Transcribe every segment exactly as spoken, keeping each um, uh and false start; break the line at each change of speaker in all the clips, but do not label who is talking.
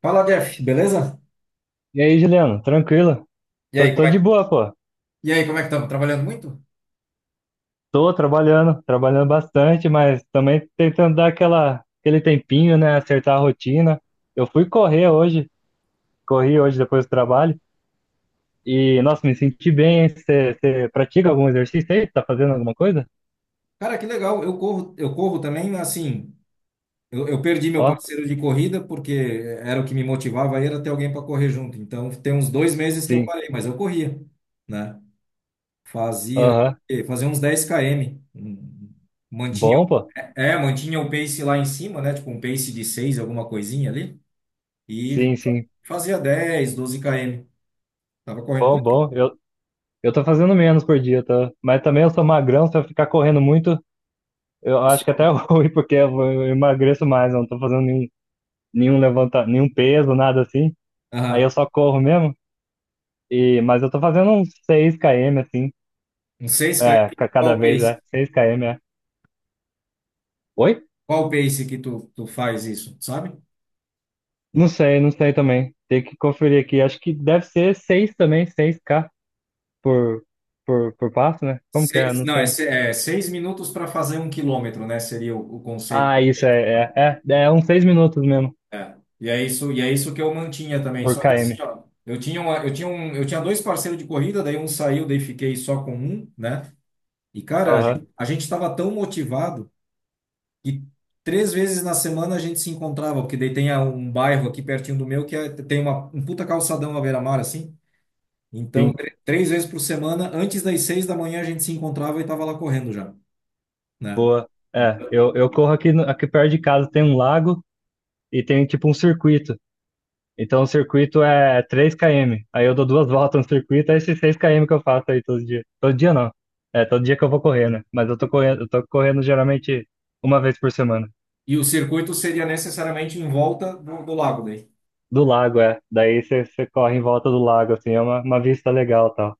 Fala, Jeff, beleza?
E aí, Juliano, tranquilo?
E aí,
Tô,
como
tô
é
de
que,
boa, pô.
e aí, como é que estamos? Trabalhando muito?
Tô trabalhando, trabalhando bastante, mas também tentando dar aquela, aquele tempinho, né? Acertar a rotina. Eu fui correr hoje, corri hoje depois do trabalho. E, nossa, me senti bem. Você pratica algum exercício aí? Tá fazendo alguma coisa?
Cara, que legal. Eu corro, eu corro também, mas, assim, eu, eu perdi meu
Ó,
parceiro de corrida porque era o que me motivava, aí era ter alguém para correr junto. Então, tem uns dois meses que eu
sim.
parei, mas eu corria, né? Fazia,
Aham.
fazia uns dez quilômetros. Hum, Mantinha,
Bom, pô.
é, é, mantinha o pace lá em cima, né? Tipo um pace de seis, alguma coisinha ali. E
Sim, sim.
fazia dez, doze quilômetros. Tava correndo.
Bom,
Quanto que
bom. Eu, eu tô fazendo menos por dia, tá? Mas também eu sou magrão, se eu ficar correndo muito, eu
eu
acho que até é
some?
ruim, porque eu eu emagreço mais, eu não tô fazendo nenhum nenhum levanta, nenhum peso, nada assim. Aí eu
Aham.
só corro mesmo. E, mas eu tô fazendo uns seis quilômetros assim,
Uns seis
é,
km,
ca-
qual
cada
o
vez
pace?
é seis quilômetros, é. Oi?
Qual o pace que tu, tu faz isso, sabe?
Não sei, não sei também. Tem que conferir aqui. Acho que deve ser seis também, seis k por por por passo, né? Como que é?
Seis,
Não
não, é,
sei.
se- é seis minutos para fazer um quilômetro, né? Seria o, o
Ah,
conceito.
isso é é é, é uns seis minutos mesmo
É. E é isso, e é isso que eu mantinha também.
por
Só que assim,
quilômetro.
ó, eu tinha uma, eu tinha um, eu tinha dois parceiros de corrida, daí um saiu, daí fiquei só com um, né? E cara, a
Aham.
gente a gente estava tão motivado que três vezes na semana a gente se encontrava, porque daí tem a- um bairro aqui pertinho do meu que é- tem uma, um puta calçadão à beira-mar assim. Então,
Sim.
tr- três vezes por semana, antes das seis da manhã, a gente se encontrava e estava lá correndo já, né?
Boa. É, eu, eu corro aqui no- aqui perto de casa tem um lago e tem tipo um circuito. Então o circuito é três quilômetros. Aí eu dou duas voltas no circuito, é esses seis quilômetros que eu faço aí todo dia. Todo dia não. É, todo dia que eu vou correr, né? Mas eu tô correndo, eu tô correndo geralmente uma vez por semana.
E o circuito seria necessariamente em volta do, do lago daí.
Do lago, é. Daí você você corre em volta do lago, assim, é uma, uma vista legal e tal.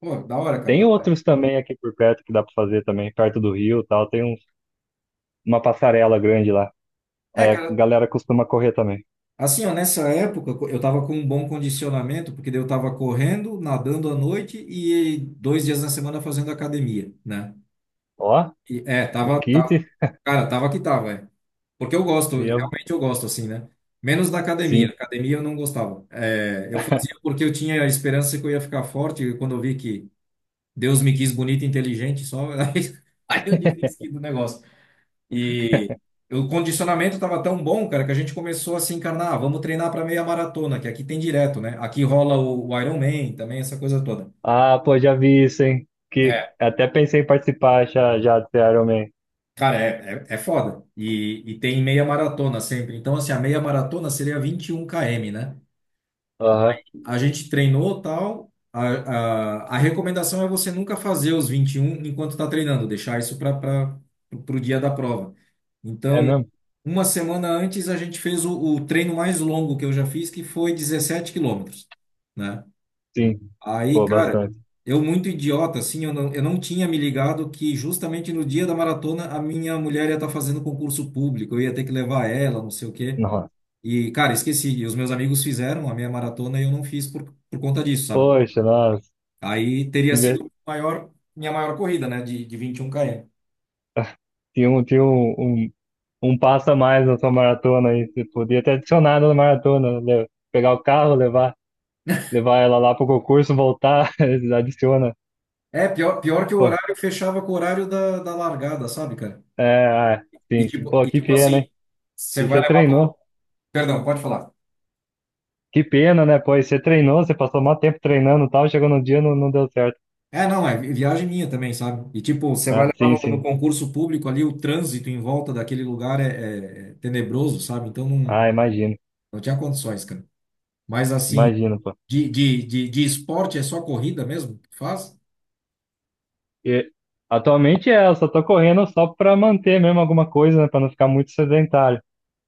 Pô, da hora, cara. Da
Tem
hora.
outros também aqui por perto que dá pra fazer também, perto do rio e tal. Tem um, uma passarela grande lá.
É,
Aí a
cara,
galera costuma correr também.
assim, ó, nessa época eu tava com um bom condicionamento, porque daí eu tava correndo, nadando à noite e dois dias na semana fazendo academia, né?
Ó,
E, é,
o
tava,
kit
tá- Cara, tava que tava, é. Porque eu gosto,
e eu,
realmente eu gosto, assim, né? Menos da academia.
sim.
Academia eu não gostava. É, eu fazia porque eu tinha a esperança que eu ia ficar forte, e quando eu vi que Deus me quis bonito e inteligente, só aí, aí eu desisti do negócio. E o condicionamento tava tão bom, cara, que a gente começou a se encarnar, "Ah, vamos treinar para meia maratona, que aqui tem direto, né? Aqui rola o, o Iron Man também, essa coisa toda.
Ah, pô, já vi isso, hein? Que
É,
até pensei em participar já, já do Iron Man.
cara, é, é, é foda. E, e tem meia maratona sempre. Então, assim, a meia maratona seria vinte e um quilômetros, né?
Aham.
A gente treinou tal. A, a, a recomendação é você nunca fazer os vinte e um enquanto está treinando, deixar isso para o dia da prova.
É
Então,
mesmo?
uma semana antes, a gente fez o, o treino mais longo que eu já fiz, que foi dezessete quilômetros, né?
Sim.
Aí,
Pô,
cara,
bastante.
eu muito idiota, assim, eu não, eu não tinha me ligado que justamente no dia da maratona a minha mulher ia estar fazendo concurso público, eu ia ter que levar ela, não sei o quê.
Nossa.
E, cara, esqueci. E os meus amigos fizeram a meia maratona e eu não fiz por, por conta disso, sabe?
Poxa, nossa.
Aí teria
Que ver-
sido maior, minha maior corrida, né? De, de vinte e um quilômetros.
Tinha um, tinha um, um, um passo a mais na sua maratona aí. Você podia ter adicionado na maratona, né? Pegar o carro, levar, levar ela lá pro concurso, voltar, adiciona.
É, pior, pior que o
Pô,
horário fechava com o horário da, da largada, sabe, cara?
é, é,
E
sim.
tipo,
Pô,
e
que
tipo
pena,
assim,
hein?
você
E
vai
você
levar
treinou.
pro... Perdão, pode falar.
Que pena, né? Pô, e você treinou, você passou maior tempo treinando e tal, chegou no dia não, não deu certo.
É, não, é vi- viagem minha também, sabe? E tipo, você vai
Ah,
levar
sim,
no, no
sim.
concurso público ali, o trânsito em volta daquele lugar é, é- é tenebroso, sabe? Então não,
Ah, imagino,
não tinha condições, cara. Mas assim,
imagino, pô.
De, de, de, de esporte é só corrida mesmo que faz?
E atualmente é, eu só tô correndo só pra manter mesmo alguma coisa, né, pra não ficar muito sedentário.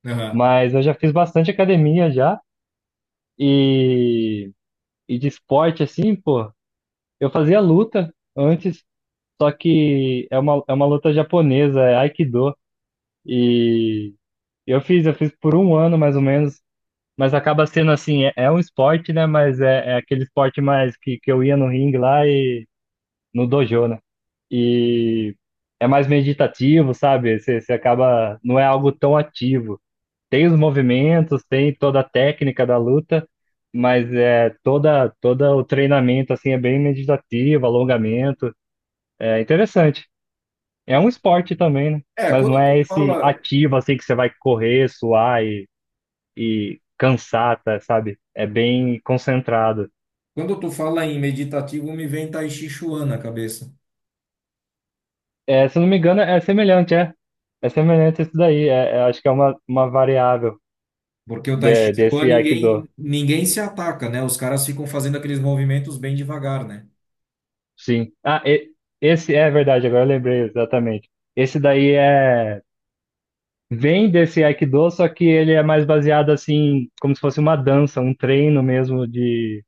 Aham.
Mas eu já fiz bastante academia já e, e de esporte assim, pô. Eu fazia luta antes, só que é uma, é uma luta japonesa, é Aikido. E eu fiz, eu fiz por um ano mais ou menos, mas acaba sendo assim, é, é um esporte, né, mas é, é aquele esporte mais que, que eu ia no ringue lá e no dojo, né? E é mais meditativo, sabe? Você, você acaba, não é algo tão ativo. Tem os movimentos, tem toda a técnica da luta, mas é toda toda o treinamento assim é bem meditativo, alongamento, é interessante. É um esporte também, né?
É,
Mas não
quando tu
é esse
fala,
ativo assim que você vai correr, suar e, e cansar, tá, sabe? É bem concentrado.
quando tu fala em meditativo, me vem Tai Chi Chuan na cabeça.
É, se eu não me engano, é semelhante, é. É semelhante a isso daí. É, é, acho que é uma, uma variável
Porque o Tai Chi
de-
Chuan
desse Aikido.
ninguém, ninguém se ataca, né? Os caras ficam fazendo aqueles movimentos bem devagar, né?
Sim. Ah, e- esse é verdade, agora eu lembrei exatamente. Esse daí é vem desse Aikido, só que ele é mais baseado assim, como se fosse uma dança, um treino mesmo de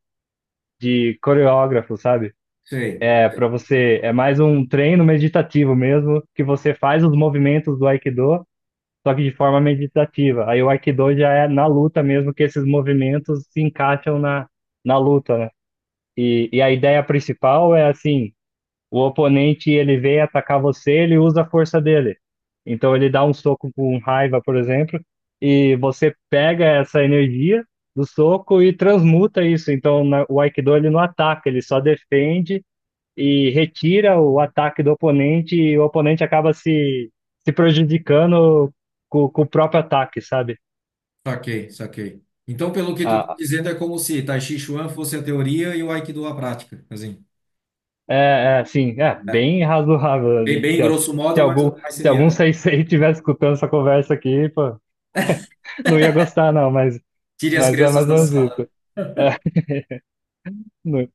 de coreógrafo, sabe?
Sei,
É para você, é mais um treino meditativo mesmo, que você faz os movimentos do Aikido, só que de forma meditativa. Aí o Aikido já é na luta mesmo que esses movimentos se encaixam na na luta, né? E, e a ideia principal é assim, o oponente ele vem atacar você, ele usa a força dele. Então ele dá um soco com raiva, por exemplo, e você pega essa energia do soco e transmuta isso. Então na- o Aikido ele não ataca, ele só defende e retira o ataque do oponente e o oponente acaba se, se prejudicando com, com o próprio ataque, sabe?
saquei, saquei. Então, pelo que tu tá
Ah,
dizendo, é como se Tai Chi Chuan fosse a teoria e o Aikido a prática, assim.
é, é assim, é bem razoável.
Bem, bem
Se,
grosso
se
modo, mas,
algum,
mas
se
seria,
algum
né?
sensei estiver escutando essa conversa aqui, pô. Não ia gostar, não, mas,
Tire as
mas é
crianças
mais
da
ou menos
sala.
isso. É, não-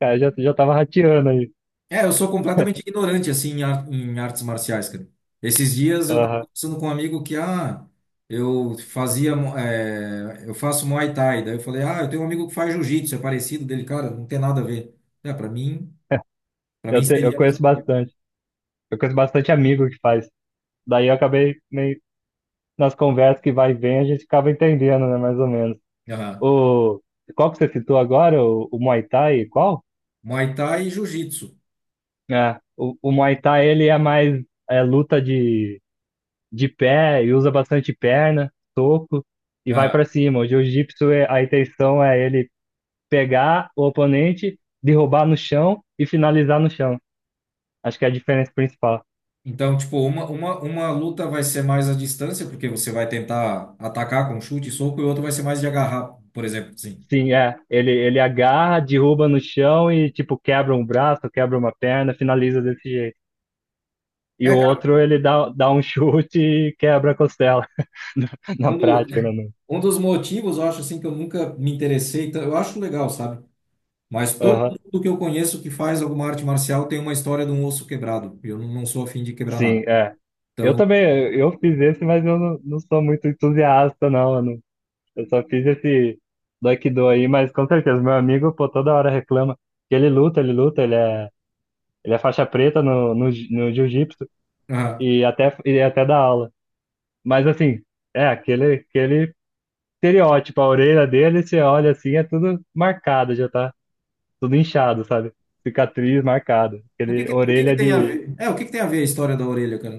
cara, já, já tava rateando aí.
É, eu sou completamente ignorante, assim, em, ar- em artes marciais, cara. Esses dias eu tava
Aham.
conversando com um amigo que, ah, eu fazia, mo- é, eu faço Muay Thai. Daí eu falei, ah, eu tenho um amigo que faz Jiu-Jitsu, é parecido dele, cara, não tem nada a ver. É, para mim, para mim
Eu, te- eu
seria a mesma
conheço
coisa.
bastante. Eu conheço bastante amigo que faz. Daí eu acabei meio nas conversas que vai e vem, a gente acaba entendendo, né? Mais ou menos.
Aham.
O, Qual que você citou agora? O, o Muay Thai? Qual?
Muay Thai e Jiu-Jitsu.
É, o, o Muay Thai, ele é mais é, luta de, de pé e usa bastante perna, soco e vai
Aham.
pra cima. O Jiu-Jitsu, é- a intenção é ele pegar o oponente, derrubar no chão e finalizar no chão. Acho que é a diferença principal.
Então, tipo, uma, uma, uma luta vai ser mais à distância, porque você vai tentar atacar com chute e soco, e outra vai ser mais de agarrar, por exemplo, assim.
Sim, é. Ele, ele agarra, derruba no chão e, tipo, quebra um braço, quebra uma perna, finaliza desse jeito. E
É,
o
cara,
outro, ele dá, dá um chute e quebra a costela, na
mundo
prática, né, mano?
Um dos motivos, eu acho assim, que eu nunca me interessei, tan- eu acho legal, sabe? Mas todo
Aham.
mundo que eu conheço que faz alguma arte marcial tem uma história de um osso quebrado. E eu não não sou afim de quebrar nada.
Sim, é. Eu
Então,
também, eu fiz esse, mas eu não, não sou muito entusiasta, não, mano. Eu só fiz esse Aikido aí, mas com certeza, meu amigo, pô, toda hora reclama que ele luta, ele luta, ele é Ele é faixa preta no, no, ji- no jiu-jitsu
ah,
e até, e até dá aula. Mas assim, é aquele, aquele estereótipo, a orelha dele, você olha assim, é tudo marcado, já tá tudo inchado, sabe? Cicatriz marcada.
o que
Aquele
que- o que
orelha
que tem a ver?
de.
É, o que que tem a ver a história da orelha, cara?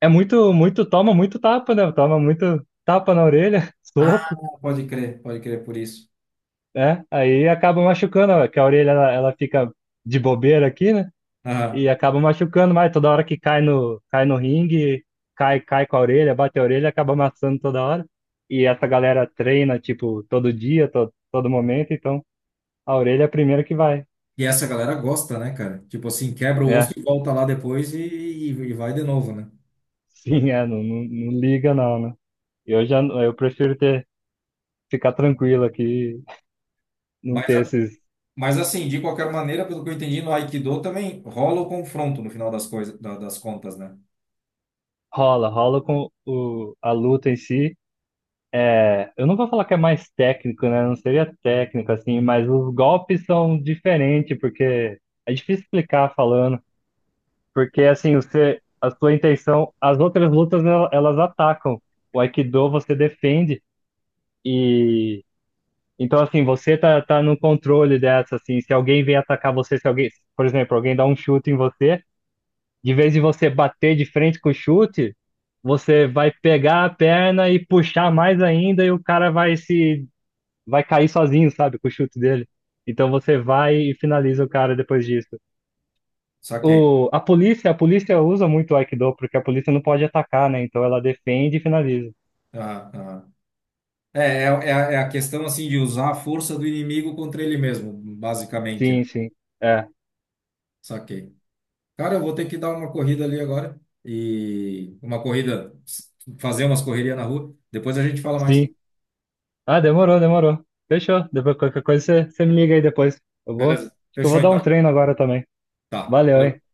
É muito, muito, toma muito tapa, né? Toma muito tapa na orelha,
Ah,
soco,
pode crer, pode crer por isso.
né? Aí acaba machucando, ó, que a orelha ela, ela fica de bobeira aqui, né?
Ah,
E acaba machucando mais toda hora que cai no, cai no ringue, cai, cai com a orelha, bate a orelha, acaba amassando toda hora. E essa galera treina, tipo, todo dia, todo, todo momento, então a orelha é a primeira que vai.
e essa galera gosta, né, cara? Tipo assim, quebra o osso
É,
e volta lá depois e, e, e vai de novo, né?
sim, é, não, não, não liga não, né? Eu já, eu prefiro ter, ficar tranquilo aqui, não
Mas,
ter esses...
mas assim, de qualquer maneira, pelo que eu entendi, no Aikido também rola o confronto no final das coisas, da- das contas, né?
Rola, rola com o, a luta em si. É, eu não vou falar que é mais técnico, né? Não seria técnico, assim, mas os golpes são diferentes, porque é difícil explicar falando. Porque, assim, você, a sua intenção, as outras lutas, el- elas atacam. O Aikido você defende e... Então, assim, você tá, tá no controle dessa, assim, se alguém vem atacar você, se alguém, por exemplo, alguém dá um chute em você, de vez de você bater de frente com o chute, você vai pegar a perna e puxar mais ainda e o cara vai se vai cair sozinho, sabe, com o chute dele. Então você vai e finaliza o cara depois disso.
Só que
O, a polícia, a polícia usa muito o Aikido, porque a polícia não pode atacar, né? Então ela defende e finaliza.
Ah, ah. É, é, é a é a questão assim de usar a força do inimigo contra ele mesmo, basicamente, né?
Sim, sim. É,
Saquei. Cara, eu vou ter que dar uma corrida ali agora e uma corrida, fazer umas correrias na rua. Depois a gente fala mais.
sim. Ah, demorou, demorou. Fechou. Depois qualquer coisa você, você me liga aí depois. Eu vou,
Beleza?
acho que eu vou
Fechou
dar um
então, cara.
treino agora também.
Tá.
Valeu, hein?
Valeu.